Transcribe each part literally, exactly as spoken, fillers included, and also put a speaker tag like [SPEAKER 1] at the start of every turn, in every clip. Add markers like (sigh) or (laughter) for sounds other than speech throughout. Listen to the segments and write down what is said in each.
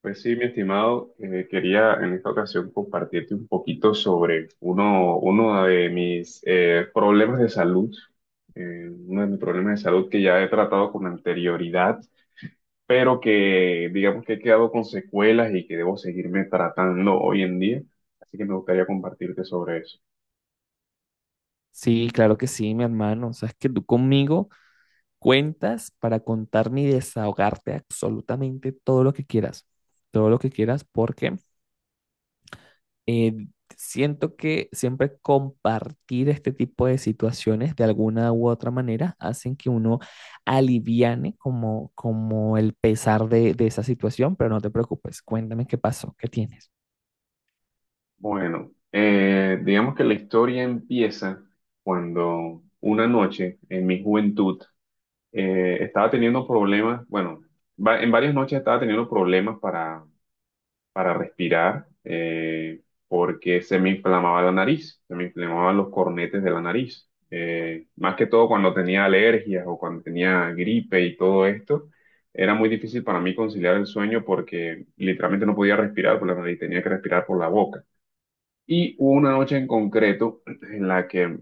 [SPEAKER 1] Pues sí, mi estimado, eh, quería en esta ocasión compartirte un poquito sobre uno, uno de mis eh, problemas de salud, eh, uno de mis problemas de salud que ya he tratado con anterioridad, pero que digamos que he quedado con secuelas y que debo seguirme tratando hoy en día, así que me gustaría compartirte sobre eso.
[SPEAKER 2] Sí, claro que sí, mi hermano. Sabes que tú conmigo cuentas para contarme y desahogarte absolutamente todo lo que quieras. Todo lo que quieras porque eh, siento que siempre compartir este tipo de situaciones de alguna u otra manera hacen que uno aliviane como, como el pesar de, de esa situación, pero no te preocupes, cuéntame qué pasó, qué tienes.
[SPEAKER 1] Bueno, eh, digamos que la historia empieza cuando una noche en mi juventud, eh, estaba teniendo problemas, bueno, va- en varias noches estaba teniendo problemas para, para respirar eh, porque se me inflamaba la nariz, se me inflamaban los cornetes de la nariz. Eh, más que todo cuando tenía alergias o cuando tenía gripe y todo esto, era muy difícil para mí conciliar el sueño porque literalmente no podía respirar por la nariz, tenía que respirar por la boca. Y hubo una noche en concreto (clears throat) en la que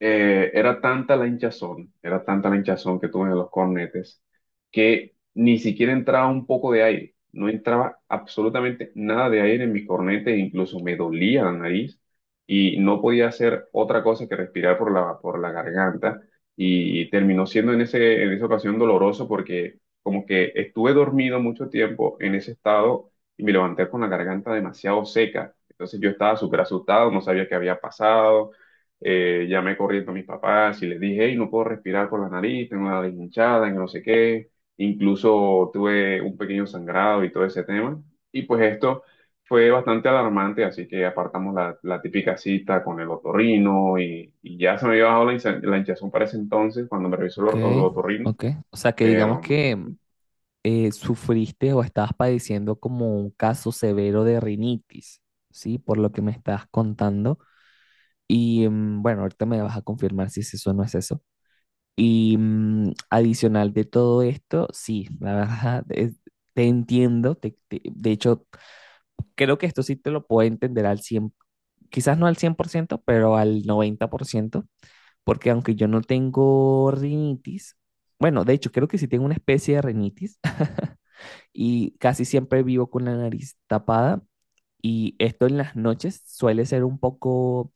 [SPEAKER 1] eh, era tanta la hinchazón, era tanta la hinchazón que tuve en los cornetes, que ni siquiera entraba un poco de aire, no entraba absolutamente nada de aire en mi cornete, incluso me dolía la nariz y no podía hacer otra cosa que respirar por la, por la garganta y terminó siendo en ese, en esa ocasión doloroso porque como que estuve dormido mucho tiempo en ese estado y me levanté con la garganta demasiado seca. Entonces yo estaba súper asustado, no sabía qué había pasado. Eh, llamé corriendo a mis papás y les dije, hey, no puedo respirar por la nariz, tengo la nariz hinchada, no sé qué. Incluso tuve un pequeño sangrado y todo ese tema. Y pues esto fue bastante alarmante, así que apartamos la, la típica cita con el otorrino y, y ya se me había bajado la, hincha- la hinchazón para ese entonces cuando me revisó el,
[SPEAKER 2] Ok,
[SPEAKER 1] or- el otorrino,
[SPEAKER 2] ok. O sea que digamos
[SPEAKER 1] pero...
[SPEAKER 2] que
[SPEAKER 1] mm,
[SPEAKER 2] eh, sufriste o estabas padeciendo como un caso severo de rinitis, ¿sí? Por lo que me estás contando. Y mm, bueno, ahorita me vas a confirmar si es eso o no es eso. Y mm, adicional de todo esto, sí, la verdad, es- te entiendo. Te- te- de hecho, creo que esto sí te lo puedo entender al cien, quizás no al cien por ciento, pero al noventa por ciento porque aunque yo no tengo rinitis, bueno, de hecho, creo que sí tengo una especie de rinitis y casi siempre vivo con la nariz tapada y esto en las noches suele ser un poco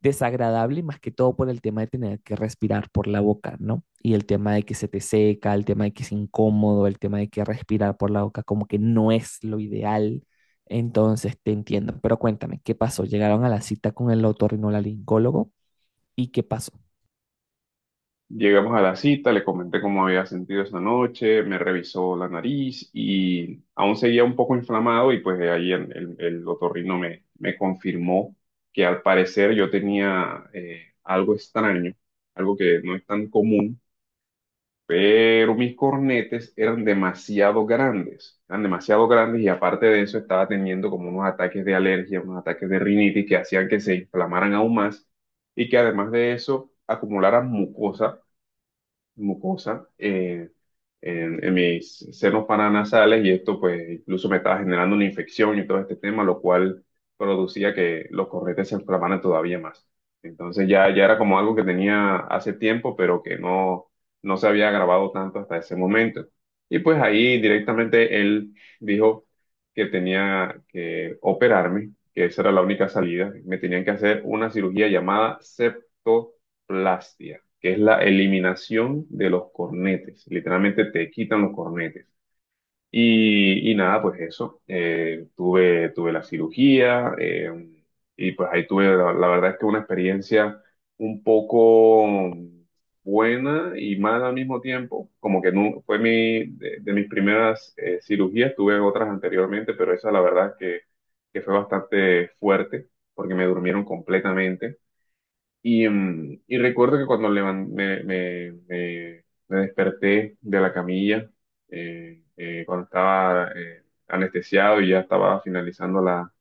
[SPEAKER 2] desagradable, más que todo por el tema de tener que respirar por la boca, ¿no? Y el tema de que se te seca, el tema de que es incómodo, el tema de que respirar por la boca como que no es lo ideal. Entonces te entiendo, pero cuéntame, ¿qué pasó? Llegaron a la cita con el otorrinolaringólogo y ¿qué pasó?
[SPEAKER 1] llegamos a la cita, le comenté cómo había sentido esa noche, me revisó la nariz y aún seguía un poco inflamado y pues de ahí el, el, el otorrino me, me confirmó que al parecer yo tenía eh, algo extraño, algo que no es tan común, pero mis cornetes eran demasiado grandes, eran demasiado grandes y aparte de eso estaba teniendo como unos ataques de alergia, unos ataques de rinitis que hacían que se inflamaran aún más y que además de eso acumularan mucosa mucosa eh, en, en mis senos paranasales y esto pues incluso me estaba generando una infección y todo este tema, lo cual producía que los corretes se inflamaran todavía más. Entonces ya, ya era como algo que tenía hace tiempo, pero que no, no se había agravado tanto hasta ese momento. Y pues ahí directamente él dijo que tenía que operarme, que esa era la única salida. Me tenían que hacer una cirugía llamada septoplastia que es la eliminación de los cornetes. Literalmente te quitan los cornetes. Y, y nada, pues eso. Eh, tuve, tuve la cirugía eh, y pues ahí tuve, la, la verdad es que una experiencia un poco buena y mala al mismo tiempo. Como que no, fue mi, de, de mis primeras eh, cirugías, tuve otras anteriormente, pero esa la verdad es que, que fue bastante fuerte porque me durmieron completamente. Y, mm, y recuerdo que cuando levan- me, me- me- me desperté de la camilla, eh, eh, cuando estaba eh, anestesiado y ya estaba finalizando la,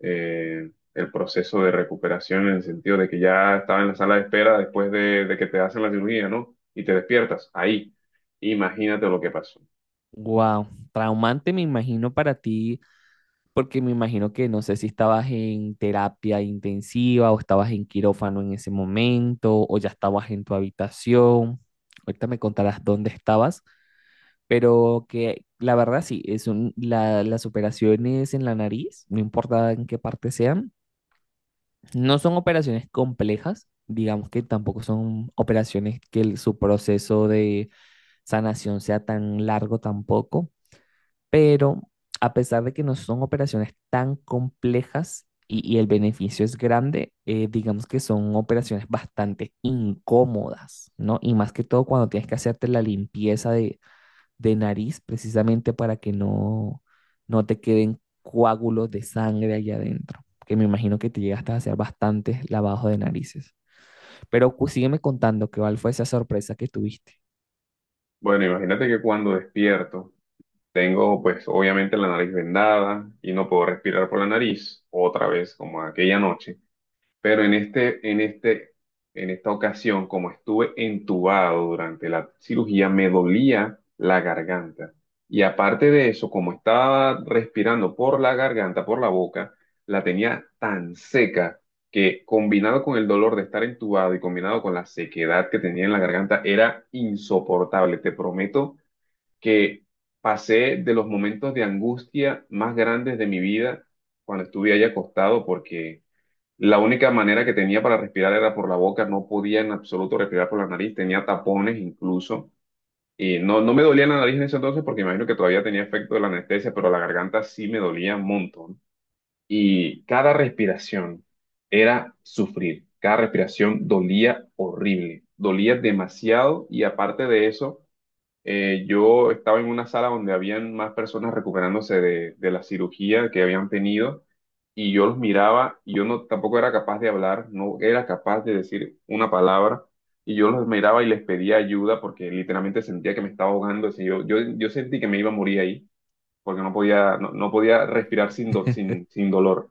[SPEAKER 1] eh, el proceso de recuperación en el sentido de que ya estaba en la sala de espera después de, de que te hacen la cirugía, ¿no? Y te despiertas ahí. Imagínate lo que pasó.
[SPEAKER 2] Wow, traumante me imagino para ti. Porque me imagino que no sé si estabas en terapia intensiva o estabas en quirófano en ese momento o ya estabas en tu habitación. Ahorita me contarás dónde estabas, pero que la verdad sí, es un- la- las operaciones en la nariz, no importa en qué parte sean, no son operaciones complejas, digamos que tampoco son operaciones que el- su proceso de sanación sea tan largo tampoco, pero a pesar de que no son operaciones tan complejas y, y el beneficio es grande, eh, digamos que son operaciones bastante incómodas, ¿no? Y más que todo cuando tienes que hacerte la limpieza de, de nariz precisamente para que no, no te queden coágulos de sangre allá adentro, que me imagino que te llegaste a hacer bastantes lavados de narices. Pero cu- sígueme contando qué cuál fue esa sorpresa que tuviste.
[SPEAKER 1] Bueno, imagínate que cuando despierto tengo pues obviamente la nariz vendada y no puedo respirar por la nariz otra vez como aquella noche. Pero en este, en este, en esta ocasión, como estuve entubado durante la cirugía, me dolía la garganta. Y aparte de eso, como estaba respirando por la garganta, por la boca, la tenía tan seca que combinado con el dolor de estar entubado y combinado con la sequedad que tenía en la garganta, era insoportable. Te prometo que pasé de los momentos de angustia más grandes de mi vida cuando estuve ahí acostado porque la única manera que tenía para respirar era por la boca, no podía en absoluto respirar por la nariz, tenía tapones incluso. Y no, no me dolía la nariz en ese entonces porque imagino que todavía tenía efecto de la anestesia, pero la garganta sí me dolía un montón. Y cada respiración era sufrir, cada respiración dolía horrible, dolía demasiado y aparte de eso eh, yo estaba en una sala donde habían más personas recuperándose de, de la cirugía que habían tenido y yo los miraba y yo no tampoco era capaz de hablar, no era capaz de decir una palabra y yo los miraba y les pedía ayuda porque literalmente sentía que me estaba ahogando, o sea, yo, yo, yo sentí que me iba a morir ahí porque no podía, no, no podía respirar sin, do- sin, sin dolor.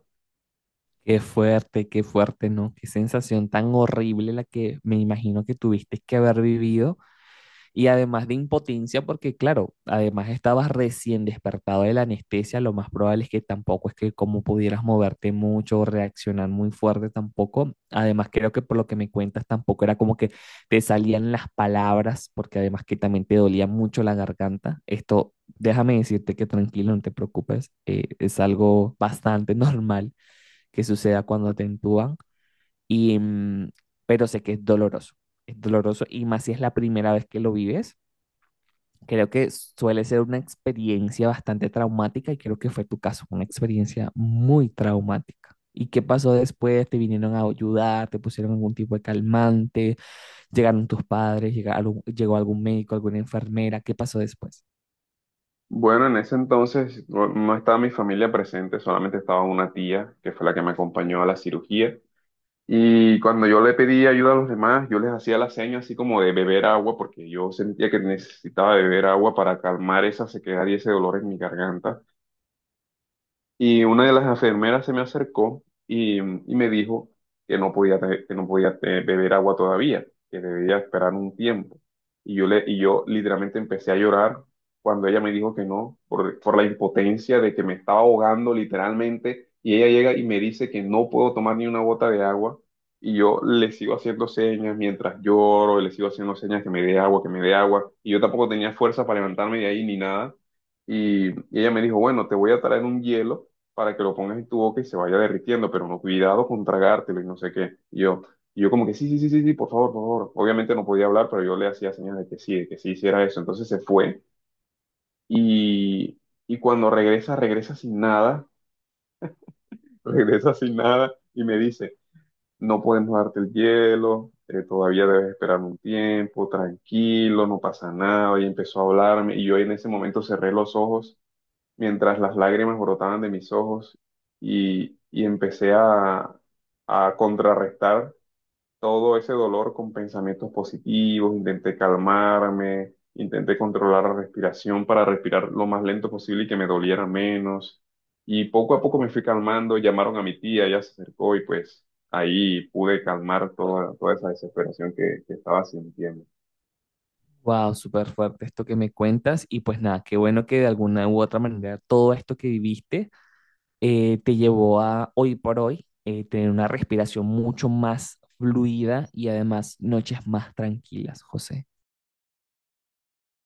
[SPEAKER 2] Qué fuerte, qué fuerte, ¿no? Qué sensación tan horrible la que me imagino que tuviste que haber vivido y además de impotencia, porque claro, además estabas recién despertado de la anestesia, lo más probable es que tampoco es que como pudieras moverte mucho o reaccionar muy fuerte tampoco. Además creo que por lo que me cuentas tampoco era como que te salían las palabras, porque además que también te dolía mucho la garganta. Esto, déjame decirte que tranquilo, no te preocupes, eh, es algo bastante (laughs) normal que suceda cuando te entúan, y, mm, pero sé que es doloroso, es doloroso y más si es la primera vez que lo vives, creo que suele ser una experiencia bastante traumática y creo que fue tu caso, una experiencia muy traumática. ¿Y qué pasó después? ¿Te vinieron a ayudar? ¿Te pusieron algún tipo de calmante? ¿Llegaron tus padres? ¿Llegaron, llegó algún médico, alguna enfermera? ¿Qué pasó después?
[SPEAKER 1] Bueno, en ese entonces no no estaba mi familia presente, solamente estaba una tía que fue la que me acompañó a la cirugía. Y cuando yo le pedí ayuda a los demás, yo les hacía la seña así como de beber agua, porque yo sentía que necesitaba beber agua para calmar esa sequedad y ese dolor en mi garganta. Y una de las enfermeras se me acercó y, y me dijo que no podía, te- que no podía eh, beber agua todavía, que debía esperar un tiempo. Y yo, le, y yo literalmente empecé a llorar cuando ella me dijo que no, por, por la impotencia de que me estaba ahogando literalmente. Y ella llega y me dice que no puedo tomar ni una gota de agua. Y yo le sigo haciendo señas mientras lloro, le sigo haciendo señas que me dé agua, que me dé agua. Y yo tampoco tenía fuerza para levantarme de ahí ni nada. Y, y ella me dijo, bueno, te voy a traer un hielo para que lo pongas en tu boca y se vaya derritiendo, pero no, cuidado con tragártelo y no sé qué. Y yo, y yo como que sí, sí, sí, sí, sí, por favor, por favor. Obviamente no podía hablar, pero yo le hacía señas de que sí, de que sí hiciera eso. Entonces se fue y, y cuando regresa, regresa sin nada, (laughs) regresa sin nada y me dice, no podemos darte el hielo, eh, todavía debes esperar un tiempo, tranquilo, no pasa nada. Y empezó a hablarme y yo en ese momento cerré los ojos mientras las lágrimas brotaban de mis ojos y, y empecé a, a contrarrestar todo ese dolor con pensamientos positivos, intenté calmarme, intenté controlar la respiración para respirar lo más lento posible y que me doliera menos. Y poco a poco me fui calmando, llamaron a mi tía, ella se acercó y pues ahí pude calmar toda, toda esa desesperación que que estaba sintiendo.
[SPEAKER 2] Wow, súper fuerte esto que me cuentas. Y pues nada, qué bueno que de alguna u otra manera todo esto que viviste, eh, te llevó a hoy por hoy, eh, tener una respiración mucho más fluida y además noches más tranquilas, José.